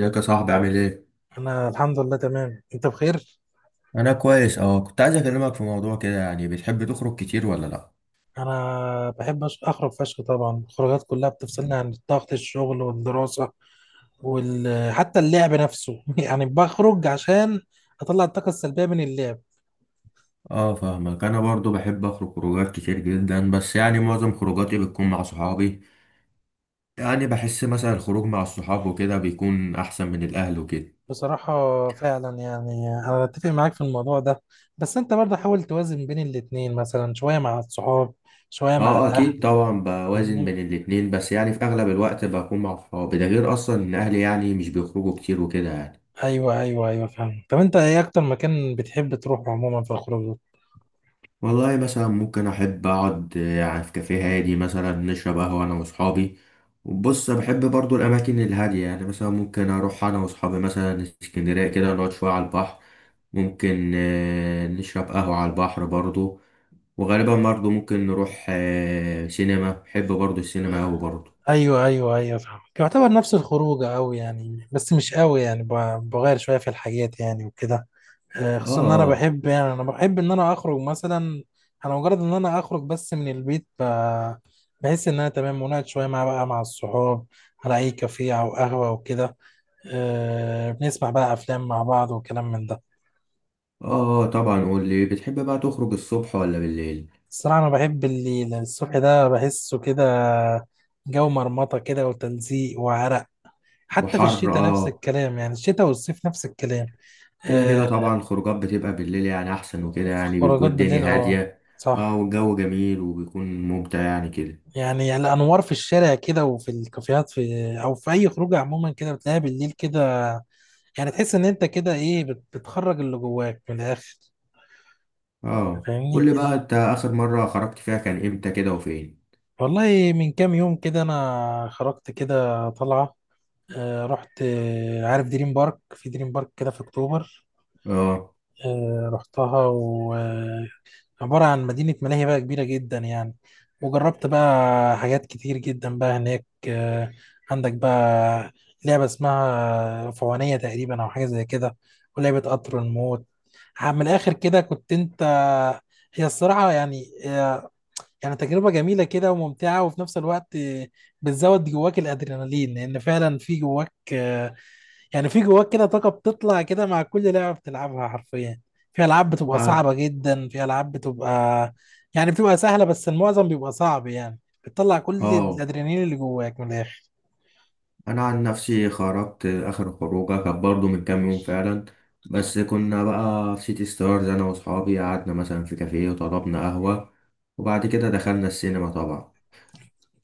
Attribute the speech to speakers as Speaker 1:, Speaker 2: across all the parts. Speaker 1: ازيك يا صاحبي، عامل ايه؟
Speaker 2: انا الحمد لله تمام، انت بخير؟
Speaker 1: انا كويس، اه، كنت عايز اكلمك في موضوع كده. يعني بتحب تخرج كتير ولا لا؟
Speaker 2: انا بحب اخرج فشخ طبعا، الخروجات كلها بتفصلني عن ضغط الشغل والدراسه حتى اللعب نفسه يعني بخرج عشان اطلع الطاقه السلبيه من اللعب.
Speaker 1: اه، فاهمك. انا برضو بحب اخرج خروجات كتير جدا، بس يعني معظم خروجاتي بتكون مع صحابي. يعني بحس مثلا الخروج مع الصحاب وكده بيكون احسن من الاهل وكده.
Speaker 2: بصراحه فعلا يعني انا اتفق معاك في الموضوع ده، بس انت برضه حاول توازن بين الاتنين، مثلا شويه مع الصحاب شويه مع
Speaker 1: اه،
Speaker 2: الاهل.
Speaker 1: اكيد طبعا بوازن بين
Speaker 2: فاهمني؟
Speaker 1: الاتنين، بس يعني في اغلب الوقت بكون مع صحابي. ده غير اصلا ان اهلي يعني مش بيخرجوا كتير وكده يعني.
Speaker 2: ايوه ايوه ايوه فاهم. طب انت ايه اكتر مكان بتحب تروح عموما في الخروج؟
Speaker 1: والله مثلا ممكن أحب أقعد في كافيه هادي، مثلا نشرب قهوة أنا وأصحابي. وبص، بحب برضو الأماكن الهادية. يعني مثلا ممكن أروح أنا وأصحابي مثلا اسكندرية كده، نقعد شوية على البحر. ممكن نشرب قهوة على البحر برضو. وغالبا برضو ممكن نروح سينما. بحب برضو السينما أوي برضو.
Speaker 2: ايوه ايوه ايوه فاهمك، يعتبر نفس الخروجه قوي يعني، بس مش قوي يعني بغير شويه في الحاجات يعني وكده. خصوصا ان انا
Speaker 1: آه،
Speaker 2: بحب، يعني انا بحب ان انا اخرج مثلا. انا مجرد ان انا اخرج بس من البيت بحس ان انا تمام، ونقعد شويه مع بقى مع الصحاب على اي كافيه او قهوه وكده. بنسمع بقى افلام مع بعض وكلام من ده.
Speaker 1: آه، آه، طبعا. قول لي، بتحب بقى تخرج الصبح ولا بالليل؟
Speaker 2: الصراحه انا بحب الليل، الصبح ده بحسه كده جو مرمطه كده وتلزيق وعرق. حتى في
Speaker 1: وحر،
Speaker 2: الشتاء نفس
Speaker 1: آه.
Speaker 2: الكلام، يعني الشتاء والصيف نفس الكلام.
Speaker 1: كده كده
Speaker 2: آه،
Speaker 1: طبعا، الخروجات بتبقى بالليل يعني احسن وكده. يعني
Speaker 2: الخروجات
Speaker 1: بيكون
Speaker 2: بالليل،
Speaker 1: الدنيا
Speaker 2: اه
Speaker 1: هادية. اه،
Speaker 2: صح.
Speaker 1: والجو جميل وبيكون ممتع يعني كده.
Speaker 2: يعني الانوار في الشارع كده وفي الكافيهات في او في اي خروجه عموما كده بتلاقيها بالليل كده، يعني تحس ان انت كده ايه بتخرج اللي جواك من الاخر.
Speaker 1: اه، قول
Speaker 2: فاهمني
Speaker 1: لي
Speaker 2: انت؟
Speaker 1: بقى، انت اخر مرة خرجت فيها كان امتى كده وفين؟
Speaker 2: والله من كام يوم كده انا خرجت كده طلعه، رحت عارف دريم بارك، في دريم بارك كده في اكتوبر.
Speaker 1: اه،
Speaker 2: رحتها. عبارة عن مدينة ملاهي بقى كبيرة جدا يعني، وجربت بقى حاجات كتير جدا بقى هناك. عندك بقى لعبة اسمها فوانية تقريبا أو حاجة زي كده، ولعبة قطر الموت. من الآخر كده كنت أنت. هي الصراحة يعني يعني تجربة جميلة كده وممتعة، وفي نفس الوقت بتزود جواك الأدرينالين، لأن فعلا في جواك يعني في جواك كده طاقة بتطلع كده مع كل لعبة بتلعبها حرفيا. في ألعاب بتبقى
Speaker 1: اه،
Speaker 2: صعبة جدا، في ألعاب بتبقى يعني بتبقى سهلة، بس المعظم بيبقى صعب يعني، بتطلع كل
Speaker 1: آه.
Speaker 2: الأدرينالين اللي جواك من الآخر.
Speaker 1: انا عن نفسي خرجت اخر خروجه كانت برضه من كام يوم فعلا. بس كنا بقى في سيتي ستارز، انا واصحابي قعدنا مثلا في كافيه وطلبنا قهوة. وبعد كده دخلنا السينما طبعا.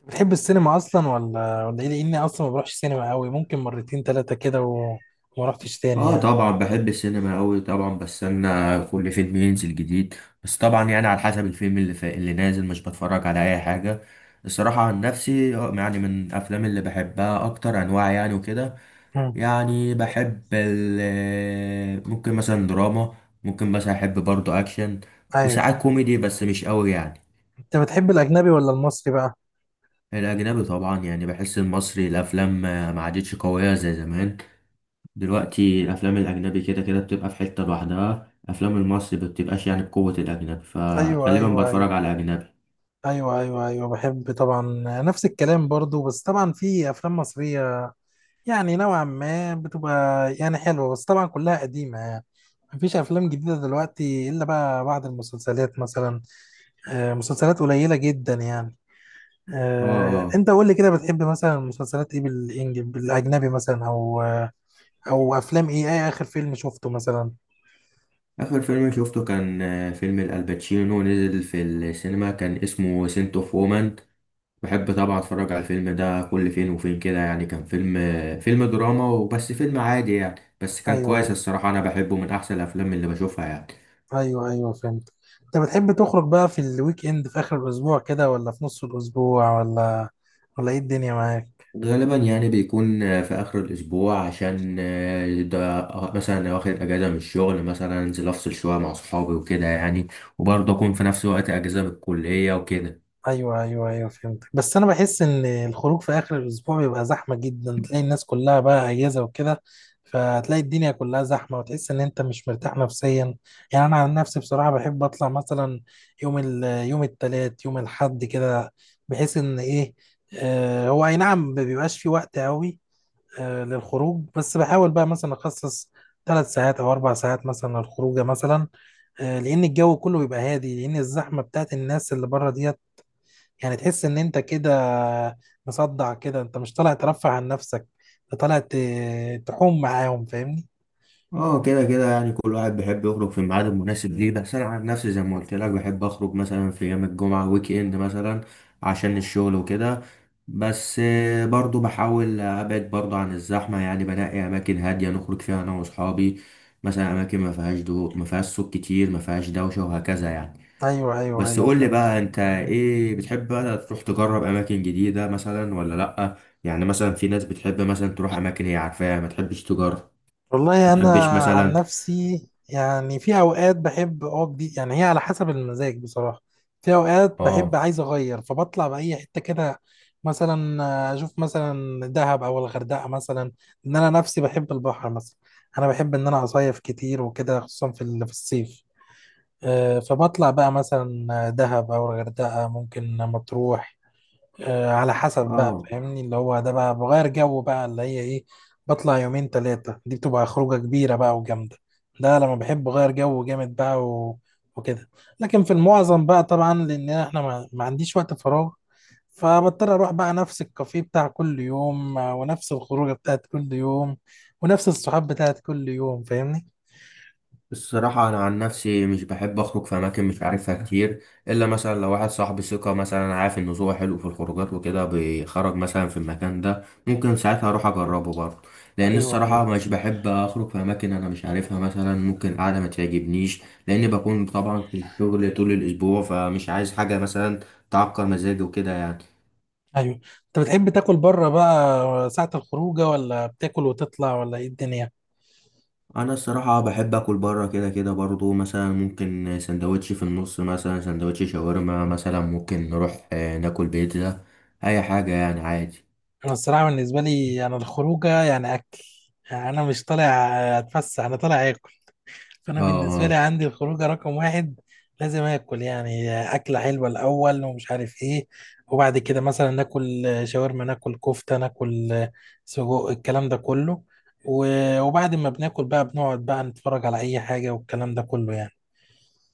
Speaker 2: بتحب السينما أصلا ولا إيه؟ لأني أصلا ما بروحش سينما قوي، ممكن مرتين تلاتة كده وما رحتش تاني
Speaker 1: اه،
Speaker 2: يعني.
Speaker 1: طبعا بحب السينما قوي، طبعا بستنى كل فيلم ينزل جديد. بس طبعا يعني على حسب الفيلم اللي نازل، مش بتفرج على اي حاجه. الصراحه عن نفسي، يعني من الافلام اللي بحبها اكتر انواع يعني وكده.
Speaker 2: مم.
Speaker 1: يعني بحب ممكن مثلا دراما. ممكن مثلا احب برضو اكشن.
Speaker 2: أيوه.
Speaker 1: وساعات كوميدي بس مش قوي يعني.
Speaker 2: أنت بتحب الأجنبي ولا المصري بقى؟
Speaker 1: الاجنبي طبعا. يعني بحس المصري الافلام ما عادتش قويه زي زمان. دلوقتي الافلام الاجنبي كده كده بتبقى في حتة لوحدها، افلام المصري ما بتبقاش يعني بقوة الاجنبي،
Speaker 2: أيوه
Speaker 1: فغالبا
Speaker 2: أيوه
Speaker 1: بتفرج
Speaker 2: أيوه،
Speaker 1: على اجنبي.
Speaker 2: أيوه أيوه أيوه بحب طبعا، نفس الكلام برضو، بس طبعا في أفلام مصرية يعني نوعا ما بتبقى يعني حلوة، بس طبعا كلها قديمة يعني، مفيش أفلام جديدة دلوقتي إلا بقى بعض المسلسلات مثلا. مسلسلات قليلة جدا يعني.
Speaker 1: اه، اه.
Speaker 2: أنت قول لي كده بتحب مثلا مسلسلات إيه بالإنج بالأجنبي مثلا أو أو أفلام إيه آخر فيلم شفته مثلا؟
Speaker 1: اخر فيلم شفته كان فيلم الالباتشينو، نزل في السينما كان اسمه سنت اوف وومن. بحب طبعا اتفرج على الفيلم ده كل فين وفين كده يعني. كان فيلم دراما، وبس فيلم عادي يعني، بس كان
Speaker 2: أيوه
Speaker 1: كويس
Speaker 2: أيوه
Speaker 1: الصراحة. انا بحبه، من احسن الافلام اللي بشوفها يعني.
Speaker 2: أيوه، أيوه، فهمت. أنت بتحب تخرج بقى في الويك إند في آخر الأسبوع كده ولا في نص الأسبوع ولا إيه الدنيا معاك؟
Speaker 1: غالبا يعني بيكون في آخر الأسبوع، عشان ده مثلا واخد أجازة من الشغل، مثلا أنزل أفصل شوية مع صحابي وكده يعني. وبرضه أكون في نفس الوقت أجازة من الكلية وكده.
Speaker 2: ايوه ايوه ايوه فهمتك، بس انا بحس ان الخروج في اخر الاسبوع بيبقى زحمه جدا، تلاقي الناس كلها بقى اجازه وكده، فتلاقي الدنيا كلها زحمه وتحس ان انت مش مرتاح نفسيا. يعني انا عن نفسي بصراحه بحب اطلع مثلا يوم التلات يوم الحد كده، بحيث ان ايه آه هو اي نعم، ما بيبقاش في وقت قوي آه للخروج، بس بحاول بقى مثلا اخصص ثلاث ساعات او اربع ساعات مثلا للخروجه مثلا، لان الجو كله بيبقى هادي، لان الزحمه بتاعت الناس اللي بره دي يعني تحس ان انت كده مصدع كده، انت مش طالع ترفع عن نفسك، انت طالع تحوم معاهم فاهمني.
Speaker 1: اه، كده كده يعني كل واحد بيحب يخرج في الميعاد المناسب ليه، بس انا عن نفسي زي ما قلت لك بحب اخرج مثلا في ايام الجمعه، ويك اند مثلا عشان الشغل وكده. بس برضو بحاول ابعد برضو عن الزحمه، يعني بنقي اماكن هاديه نخرج فيها انا واصحابي. مثلا اماكن ما فيهاش ما فيهاش صوت كتير، ما فيهاش دوشه وهكذا يعني.
Speaker 2: ايوه ايوه
Speaker 1: بس
Speaker 2: ايوه
Speaker 1: قول لي
Speaker 2: فهمت.
Speaker 1: بقى، انت ايه بتحب بقى تروح تجرب اماكن جديده مثلا ولا لا؟ يعني مثلا في ناس بتحب مثلا تروح اماكن هي عارفاها، ما تحبش تجرب،
Speaker 2: والله
Speaker 1: ما
Speaker 2: انا
Speaker 1: تحبش
Speaker 2: عن
Speaker 1: مثلا.
Speaker 2: نفسي يعني في اوقات بحب اقعد، دي يعني هي على حسب المزاج بصراحه، في اوقات بحب
Speaker 1: اه،
Speaker 2: عايز اغير فبطلع باي حته كده، مثلا اشوف مثلا دهب او الغردقه مثلا، ان انا نفسي بحب البحر مثلا. انا بحب ان انا اصيف كتير وكده خصوصا في الصيف. فبطلع بقى مثلا دهب أو الغردقة ممكن مطروح على حسب بقى
Speaker 1: اه.
Speaker 2: فاهمني، اللي هو ده بقى بغير جو بقى اللي هي إيه. بطلع يومين تلاتة، دي بتبقى خروجة كبيرة بقى وجامدة، ده لما بحب أغير جو جامد بقى وكده. لكن في المعظم بقى طبعا لأن إحنا ما عنديش وقت فراغ، فبضطر اروح بقى نفس الكافيه بتاع كل يوم، ونفس الخروجه بتاعت كل يوم ونفس الصحاب بتاعت كل يوم فاهمني.
Speaker 1: الصراحة أنا عن نفسي مش بحب أخرج في أماكن مش عارفها كتير، إلا مثلا لو واحد صاحبي ثقة مثلا، عارف إن ذوقه حلو في الخروجات وكده، بيخرج مثلا في المكان ده، ممكن ساعتها أروح أجربه برضه. لأن
Speaker 2: ايوه ايوه
Speaker 1: الصراحة مش بحب أخرج في أماكن أنا مش عارفها، مثلا ممكن قاعدة ما تعجبنيش. لأن بكون طبعا في الشغل طول الأسبوع، فمش عايز حاجة مثلا تعكر مزاجي وكده يعني.
Speaker 2: ايوه. انت بتحب تاكل بره بقى ساعة الخروجه، ولا بتاكل وتطلع، ولا ايه الدنيا؟
Speaker 1: انا الصراحه بحب اكل بره كده كده برضو، مثلا ممكن سندوتش في النص، مثلا سندوتش شاورما، مثلا ممكن نروح ناكل بيتزا. اي حاجه يعني عادي.
Speaker 2: انا الصراحه بالنسبه لي انا الخروجه يعني اكل، يعني انا مش طالع اتفسح انا طالع اكل،
Speaker 1: اه،
Speaker 2: فانا بالنسبه لي
Speaker 1: اه،
Speaker 2: عندي الخروجه رقم واحد لازم اكل يعني، اكله حلوه الاول ومش عارف ايه، وبعد كده مثلا ناكل شاورما ناكل كفته ناكل سجق الكلام ده كله، وبعد ما بناكل بقى بنقعد بقى نتفرج على اي حاجه والكلام ده كله يعني.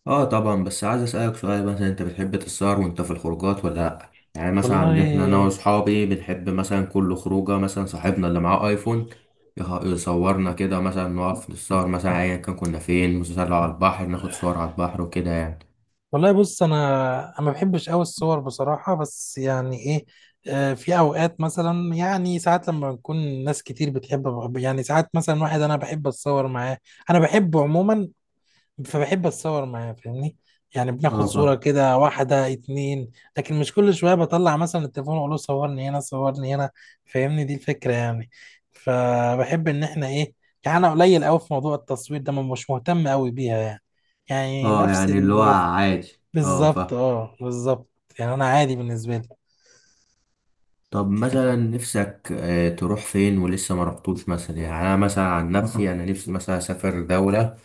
Speaker 1: اه، طبعا. بس عايز اسالك سؤال، مثلا انت بتحب تسهر وانت في الخروجات ولا لا؟ يعني مثلا
Speaker 2: والله
Speaker 1: عندنا احنا انا واصحابي بنحب مثلا كل خروجه مثلا صاحبنا اللي معاه ايفون يصورنا كده، مثلا نقف نتصور مثلا، ايا كان كنا فين، مثلا لو على البحر ناخد صور على البحر وكده يعني.
Speaker 2: والله بص انا ما بحبش قوي الصور بصراحه، بس يعني ايه في اوقات مثلا يعني ساعات لما بنكون ناس كتير بتحب يعني ساعات مثلا واحد انا بحب اتصور معاه، انا بحبه عموما، فبحب اتصور معاه فاهمني. يعني بناخد
Speaker 1: اه،
Speaker 2: صوره كده واحده اتنين، لكن مش كل شويه بطلع مثلا التليفون واقول له صورني هنا صورني هنا فاهمني، دي الفكره يعني. فبحب ان احنا ايه، يعني انا قليل قوي في موضوع التصوير ده مش مهتم قوي بيها يعني، يعني
Speaker 1: اه،
Speaker 2: نفس
Speaker 1: يعني اللي هو
Speaker 2: البروف.
Speaker 1: عادي. اه،
Speaker 2: بالظبط اه بالظبط. يعني انا عادي بالنسبه لي.
Speaker 1: طب مثلا نفسك تروح فين ولسه ما رحتوش؟ مثلا يعني انا مثلا عن نفسي انا نفسي مثلا اسافر دولة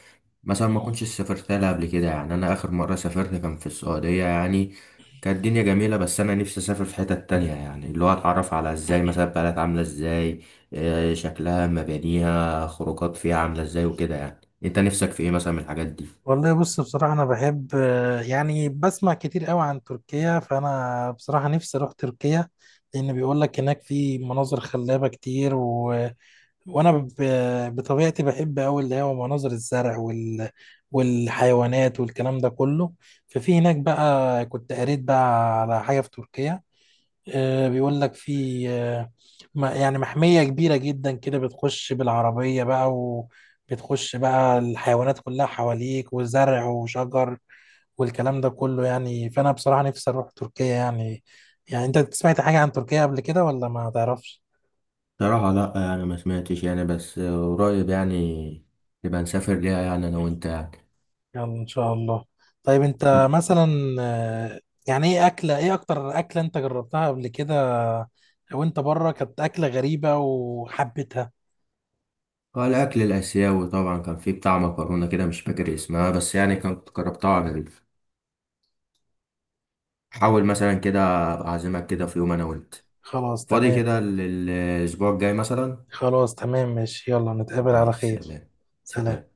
Speaker 1: مثلا ما كنتش سافرت لها قبل كده. يعني انا اخر مرة سافرت كان في السعودية، يعني كانت الدنيا جميلة، بس انا نفسي اسافر في حتة تانية. يعني اللي هو اتعرف على ازاي مثلا بلد عاملة ازاي، شكلها، مبانيها، خروجات فيها عاملة ازاي وكده يعني. انت نفسك في ايه مثلا من الحاجات دي؟
Speaker 2: والله بص بصراحه انا بحب، يعني بسمع كتير قوي عن تركيا، فانا بصراحه نفسي اروح تركيا، لان بيقول لك هناك في مناظر خلابه كتير وانا ب... بطبيعتي بحب قوي اللي هو مناظر الزرع والحيوانات والكلام ده كله. ففي هناك بقى كنت قريت بقى على حاجه في تركيا، بيقول لك في يعني محمية كبيرة جدا كده بتخش بالعربية بقى وبتخش بقى الحيوانات كلها حواليك وزرع وشجر والكلام ده كله يعني. فأنا بصراحة نفسي أروح تركيا يعني. يعني أنت سمعت حاجة عن تركيا قبل كده ولا ما تعرفش؟
Speaker 1: صراحة لا، يعني ما سمعتش يعني، بس قريب يعني نبقى نسافر ليها، يعني انا وانت يعني.
Speaker 2: يلا إن شاء الله. طيب أنت مثلا آه، يعني إيه أكتر أكلة أنت جربتها قبل كده وأنت بره كانت أكلة غريبة وحبيتها؟
Speaker 1: اه، الأكل الآسيوي طبعا، كان فيه بتاع مكرونة كده مش فاكر اسمها، بس يعني كنت جربتها. على، حاول مثلا كده أبقى أعزمك كده في يوم أنا وأنت
Speaker 2: خلاص
Speaker 1: فاضي
Speaker 2: تمام.
Speaker 1: كده الأسبوع الجاي مثلا.
Speaker 2: خلاص تمام ماشي، يلا نتقابل على
Speaker 1: ماشي،
Speaker 2: خير.
Speaker 1: سلام.
Speaker 2: سلام.
Speaker 1: سلام.